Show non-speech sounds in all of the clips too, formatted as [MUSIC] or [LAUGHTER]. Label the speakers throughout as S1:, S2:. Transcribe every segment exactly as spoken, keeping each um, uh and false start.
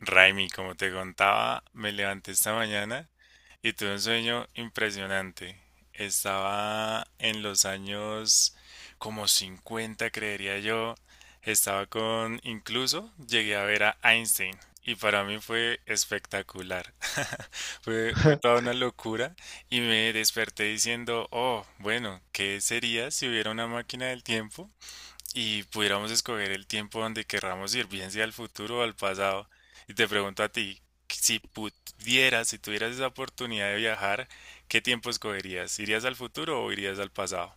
S1: Raimi, como te contaba, me levanté esta mañana y tuve un sueño impresionante. Estaba en los años como cincuenta, creería yo. Estaba con, incluso llegué a ver a Einstein y para mí fue espectacular. [LAUGHS] Fue, fue toda
S2: [LAUGHS]
S1: una locura y me desperté diciendo, oh, bueno, ¿qué sería si hubiera una máquina del tiempo? Y pudiéramos escoger el tiempo donde querramos ir, bien sea al futuro o al pasado, y te pregunto a ti, si pudieras, si tuvieras esa oportunidad de viajar, ¿qué tiempo escogerías? ¿Irías al futuro o irías al pasado?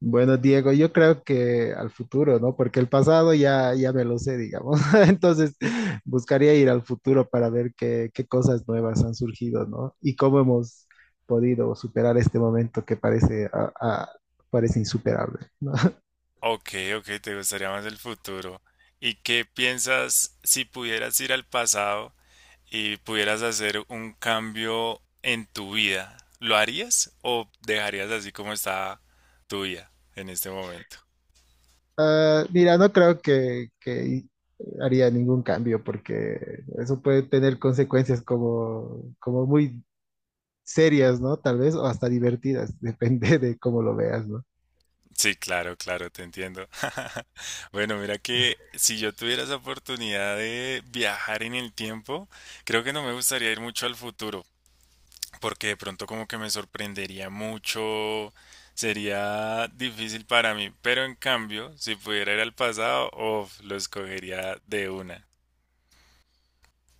S2: Bueno, Diego, yo creo que al futuro, ¿no? Porque el pasado ya, ya me lo sé, digamos. [LAUGHS] Entonces, buscaría ir al futuro para ver qué, qué cosas nuevas han surgido, ¿no? Y cómo hemos podido superar este momento que parece, a- a- parece insuperable, ¿no? [LAUGHS]
S1: Ok, ok, te gustaría más el futuro. ¿Y qué piensas si pudieras ir al pasado y pudieras hacer un cambio en tu vida? ¿Lo harías o dejarías así como está tu vida en este momento?
S2: Ah, mira, no creo que, que haría ningún cambio porque eso puede tener consecuencias como, como muy serias, ¿no? Tal vez, o hasta divertidas, [LAUGHS] depende de cómo lo veas, ¿no?
S1: Sí, claro, claro, te entiendo. [LAUGHS] Bueno, mira que si yo tuviera esa oportunidad de viajar en el tiempo, creo que no me gustaría ir mucho al futuro, porque de pronto como que me sorprendería mucho, sería difícil para mí, pero en cambio, si pudiera ir al pasado, uf, lo escogería de una.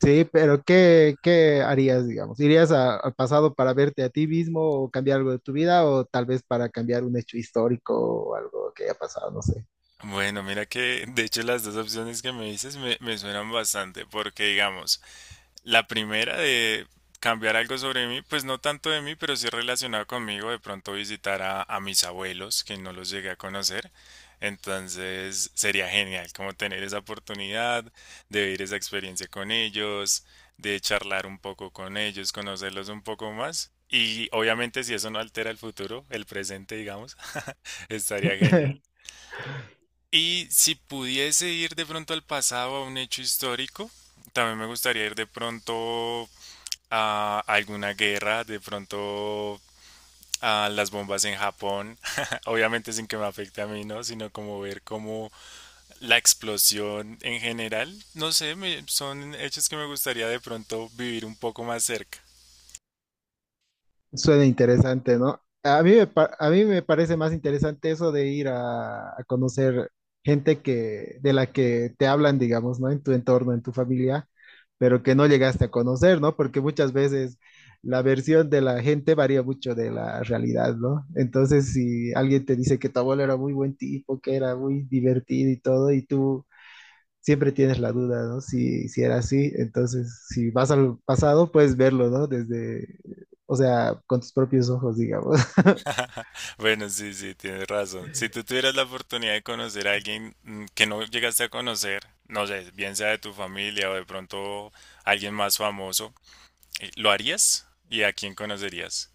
S2: Sí, pero ¿qué, qué harías, digamos? ¿Irías a- al pasado para verte a ti mismo o cambiar algo de tu vida o tal vez para cambiar un hecho histórico o algo que haya pasado? No sé.
S1: Bueno, mira que de hecho las dos opciones que me dices me, me suenan bastante, porque digamos, la primera de cambiar algo sobre mí, pues no tanto de mí, pero sí relacionado conmigo, de pronto visitar a, a mis abuelos, que no los llegué a conocer. Entonces sería genial como tener esa oportunidad de vivir esa experiencia con ellos, de charlar un poco con ellos, conocerlos un poco más. Y obviamente si eso no altera el futuro, el presente, digamos, [LAUGHS] estaría genial.
S2: [LAUGHS]
S1: Y si pudiese ir de pronto al pasado, a un hecho histórico, también me gustaría ir de pronto a alguna guerra, de pronto a las bombas en Japón, [LAUGHS] obviamente sin que me afecte a mí, ¿no? Sino como ver cómo la explosión en general, no sé, me- son hechos que me gustaría de pronto vivir un poco más cerca.
S2: Suena interesante, ¿no? A mí me, pa- a mí me parece más interesante eso de ir a, a conocer gente que, de la que te hablan, digamos, ¿no? En tu entorno, en tu familia, pero que no llegaste a conocer, ¿no? Porque muchas veces la versión de la gente varía mucho de la realidad, ¿no? Entonces, si alguien te dice que tu abuelo era muy buen tipo, que era muy divertido y todo, y tú siempre tienes la duda, ¿no? Si, si era así, entonces si vas al pasado, puedes verlo, ¿no? Desde, o sea, con tus propios ojos, digamos. [LAUGHS]
S1: [LAUGHS] Bueno, sí, sí, tienes razón. Si tú tuvieras la oportunidad de conocer a alguien mm, que no llegaste a conocer, no sé, bien sea de tu familia o de pronto alguien más famoso, eh, ¿lo harías? ¿Y a quién conocerías?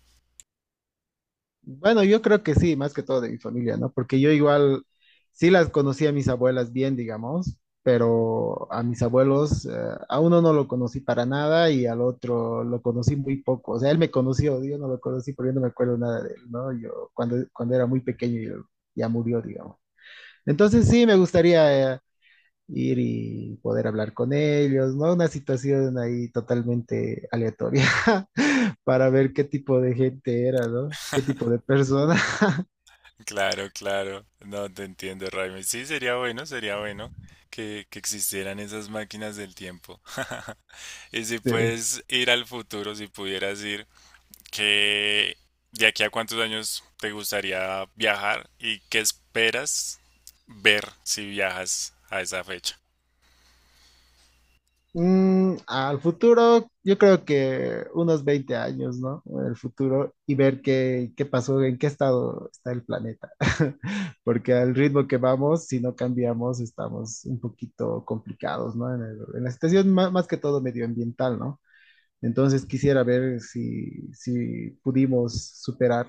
S2: Bueno, yo creo que sí, más que todo de mi familia, ¿no? Porque yo igual sí las conocí a mis abuelas bien, digamos, pero a mis abuelos, eh, a uno no lo conocí para nada y al otro lo conocí muy poco. O sea, él me conoció, yo no lo conocí porque yo no me acuerdo nada de él, ¿no? Yo cuando, cuando era muy pequeño yo- ya murió, digamos. Entonces sí, me gustaría... Eh, ir y poder hablar con ellos, ¿no? Una situación ahí totalmente aleatoria [LAUGHS] para ver qué tipo de gente era, ¿no? ¿Qué tipo de persona? [LAUGHS]
S1: Claro, claro. No te entiendo, Raimi. Sí, sería bueno, sería bueno que, que existieran esas máquinas del tiempo. [LAUGHS] Y si
S2: Sí.
S1: puedes ir al futuro, si pudieras ir, ¿qué? ¿De aquí a cuántos años te gustaría viajar y qué esperas ver si viajas a esa fecha?
S2: Mm, al futuro, yo creo que unos veinte años, ¿no? En el futuro y ver qué, qué pasó, en qué estado está el planeta. [LAUGHS] Porque al ritmo que vamos, si no cambiamos, estamos un poquito complicados, ¿no? En, el- en la situación ma- más, que todo medioambiental, ¿no? Entonces quisiera ver si, si pudimos superar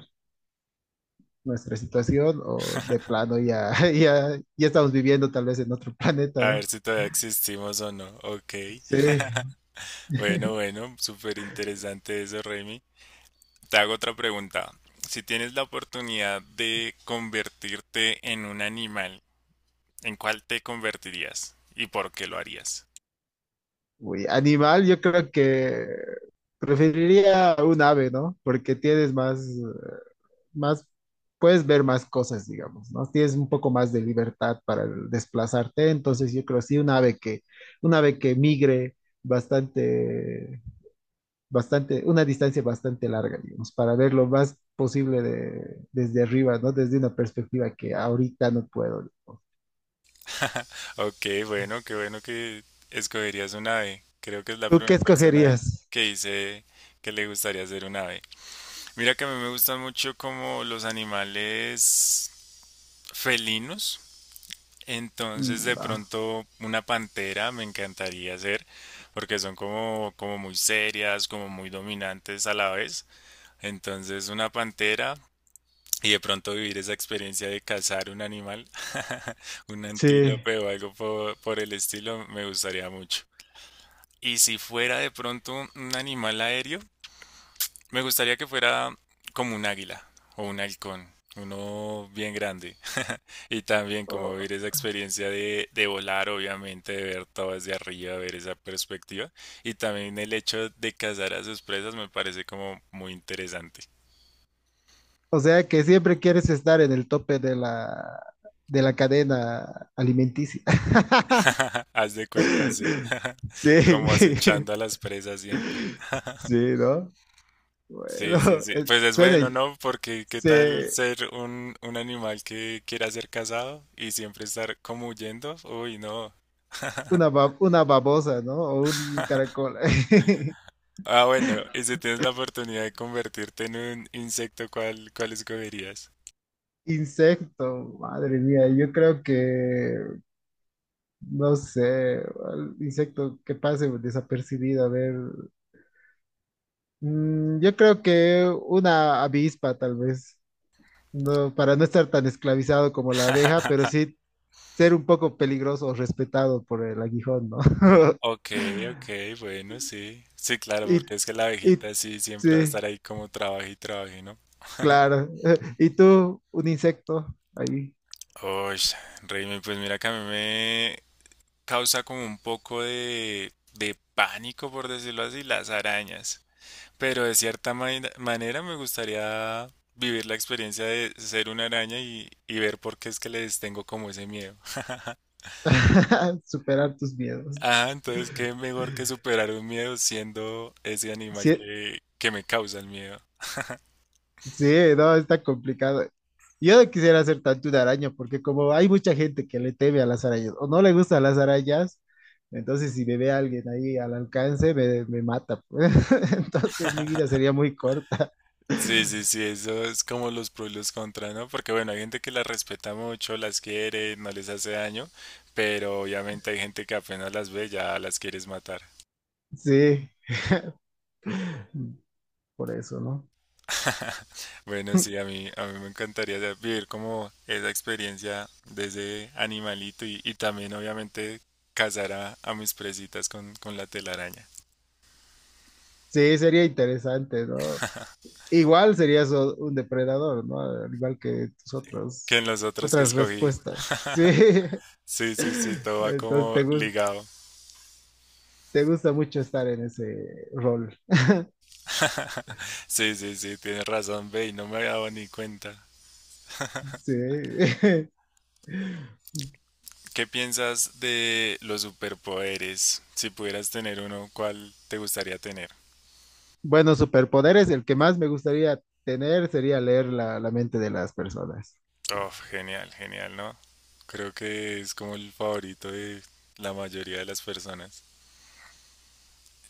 S2: nuestra situación o de plano ya, [LAUGHS] ya, ya estamos viviendo tal vez en otro planeta,
S1: A ver
S2: ¿no?
S1: si todavía existimos o no. Ok.
S2: Sí.
S1: Bueno, bueno, súper interesante eso, Raimi. Te hago otra pregunta. Si tienes la oportunidad de convertirte en un animal, ¿en cuál te convertirías? ¿Y por qué lo harías?
S2: Uy, animal, yo creo que preferiría un ave, ¿no? Porque tienes más, más, puedes ver más cosas, digamos, ¿no? Tienes un poco más de libertad para desplazarte, entonces yo creo sí un ave que, un ave que migre bastante bastante, una distancia bastante larga, digamos, para ver lo más posible de, desde arriba, ¿no? Desde una perspectiva que ahorita no puedo.
S1: [LAUGHS] Ok, bueno, qué bueno que escogerías un ave. Creo que es la
S2: ¿Tú qué
S1: primera persona
S2: escogerías?
S1: que dice que le gustaría ser un ave. Mira que a mí me gustan mucho como los animales felinos.
S2: Mm,
S1: Entonces de
S2: wow.
S1: pronto una pantera me encantaría ser porque son como, como muy serias, como muy dominantes a la vez. Entonces, una pantera y de pronto vivir esa experiencia de cazar un animal, [LAUGHS] un
S2: Sí.
S1: antílope o algo po- por el estilo, me gustaría mucho. Y si fuera de pronto un animal aéreo, me gustaría que fuera como un águila o un halcón, uno bien grande. [LAUGHS] Y también como
S2: O,
S1: vivir esa experiencia de, de volar, obviamente, de ver todo desde arriba, ver esa perspectiva. Y también el hecho de cazar a sus presas me parece como muy interesante.
S2: o sea que siempre quieres estar en el tope de la, de la cadena alimenticia.
S1: [LAUGHS] Haz de cuenta, sí.
S2: [LAUGHS]
S1: [LAUGHS]
S2: Sí,
S1: Como acechando
S2: [LAUGHS]
S1: a las presas siempre.
S2: sí, ¿no?
S1: Sí,
S2: Bueno,
S1: sí, sí.
S2: eh,
S1: Pues es
S2: suena
S1: bueno, ¿no? Porque qué tal
S2: se-
S1: ser un, un animal que quiera ser cazado y siempre estar como huyendo. Uy, no.
S2: una,
S1: [LAUGHS]
S2: ba- una babosa, ¿no? O un caracol. [LAUGHS]
S1: Ah, bueno, y si tienes la oportunidad de convertirte en un insecto, ¿cuál, cuál escogerías?
S2: Insecto, madre mía, yo creo que, no sé, al insecto que pase desapercibido, a ver, mm, yo creo que una avispa tal vez, no, para no estar tan esclavizado como la abeja, pero
S1: [LAUGHS]
S2: sí ser un poco peligroso o respetado por el aguijón, ¿no? [LAUGHS]
S1: Ok, ok, bueno, sí. Sí, claro,
S2: Y,
S1: porque es que la
S2: y,
S1: abejita sí siempre va a estar
S2: sí,
S1: ahí como trabaje y trabaje, ¿no?
S2: claro, [LAUGHS] y tú, un insecto, ahí,
S1: Uy, Raymond, pues mira que a mí causa como un poco de, de pánico, por decirlo así, las arañas. Pero de cierta maina- manera me gustaría vivir la experiencia de ser una araña y, y ver por qué es que les tengo como ese miedo. [LAUGHS]
S2: [LAUGHS] superar tus miedos.
S1: Ah, entonces qué mejor que superar un miedo siendo ese animal
S2: Sí,
S1: que, que me causa el miedo.
S2: sí, no, está complicado. Yo no quisiera ser tanto una araña, porque como hay mucha gente que le teme a las arañas o no le gustan las arañas, entonces si me ve alguien ahí al alcance, me, me mata. Pues. [LAUGHS] Entonces mi vida sería muy corta.
S1: Sí, sí, sí, eso es como los pros y los contras, ¿no? Porque bueno, hay gente que las respeta mucho, las quiere, no les hace daño, pero obviamente hay gente que apenas las ve ya las quieres matar.
S2: Sí, por eso, ¿no?
S1: [LAUGHS] Bueno, sí, a mí, a mí me encantaría, o sea, vivir como esa experiencia de ese animalito y, y también obviamente cazar a, a mis presitas con, con la telaraña.
S2: Sí, sería interesante, ¿no? Igual serías o- un depredador, ¿no? Al igual que tus
S1: Que
S2: otros,
S1: en los otros que
S2: otras
S1: escogí.
S2: respuestas. Sí.
S1: [LAUGHS] Sí, sí, sí,
S2: [LAUGHS]
S1: todo va
S2: Entonces
S1: como
S2: te gus-
S1: ligado.
S2: te gusta mucho estar en ese rol.
S1: Sí, sí, sí, tienes razón, ve, y no me había dado ni cuenta.
S2: Sí. [LAUGHS]
S1: ¿Qué piensas de los superpoderes? Si pudieras tener uno, ¿cuál te gustaría tener?
S2: Bueno, superpoderes, el que más me gustaría tener sería leer la, la mente de las personas.
S1: Oh, genial, genial, ¿no? Creo que es como el favorito de la mayoría de las personas.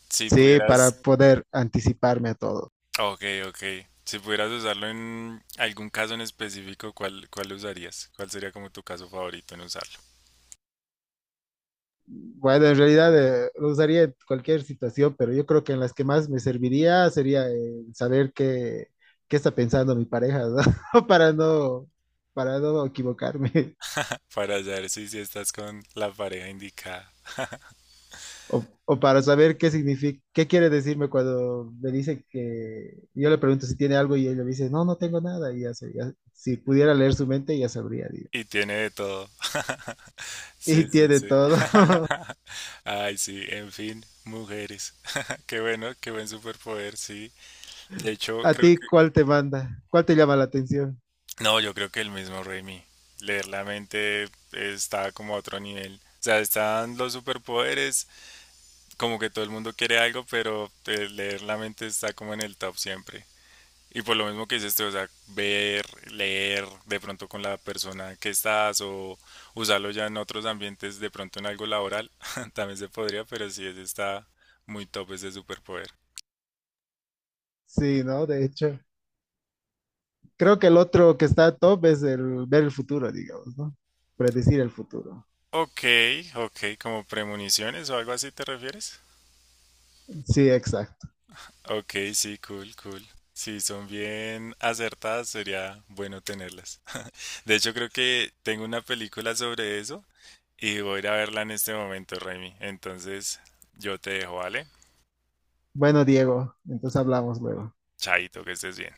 S1: Si
S2: Sí, para
S1: pudieras,
S2: poder anticiparme a todo.
S1: ok, ok. Si pudieras usarlo en algún caso en específico, ¿cuál, cuál usarías? ¿Cuál sería como tu caso favorito en usarlo?
S2: Bueno, en realidad eh, lo usaría en cualquier situación, pero yo creo que en las que más me serviría sería eh, saber qué, qué está pensando mi pareja, ¿no? [LAUGHS] Para no, para no equivocarme.
S1: [LAUGHS] Para saber si, si estás con la pareja indicada.
S2: O, o para saber qué significa, qué quiere decirme cuando me dice que yo le pregunto si tiene algo y él me dice, no, no tengo nada. Y ya, sé, ya- si pudiera leer su mente, ya sabría, digo.
S1: Y tiene de todo. [LAUGHS]
S2: Y
S1: Sí, sí,
S2: tiene
S1: sí.
S2: todo. [LAUGHS]
S1: [LAUGHS] Ay, sí, en fin, mujeres. [LAUGHS] Qué bueno, qué buen superpoder, sí. De hecho,
S2: ¿A
S1: creo
S2: ti
S1: que
S2: cuál te manda? ¿Cuál te llama la atención?
S1: no, yo creo que el mismo Raimi. Leer la mente está como a otro nivel. O sea, están los superpoderes, como que todo el mundo quiere algo, pero eh, leer la mente está como en el top siempre. Y por lo mismo que dices tú, o sea, ver, leer de pronto con la persona que estás o usarlo ya en otros ambientes, de pronto en algo laboral, [LAUGHS] también se podría, pero sí, ese está muy top ese superpoder.
S2: Sí, ¿no? De hecho, creo que el otro que está top es el ver el futuro, digamos, ¿no? Predecir el futuro.
S1: Ok, ok, como premoniciones o algo así te refieres.
S2: Sí, exacto.
S1: Ok, sí, cool, cool. Si son bien acertadas, sería bueno tenerlas. [LAUGHS] De hecho, creo que tengo una película sobre eso y voy a ir a verla en este momento, Remy. Entonces, yo te dejo, ¿vale?
S2: Bueno, Diego, entonces hablamos luego.
S1: Chaito, que estés bien.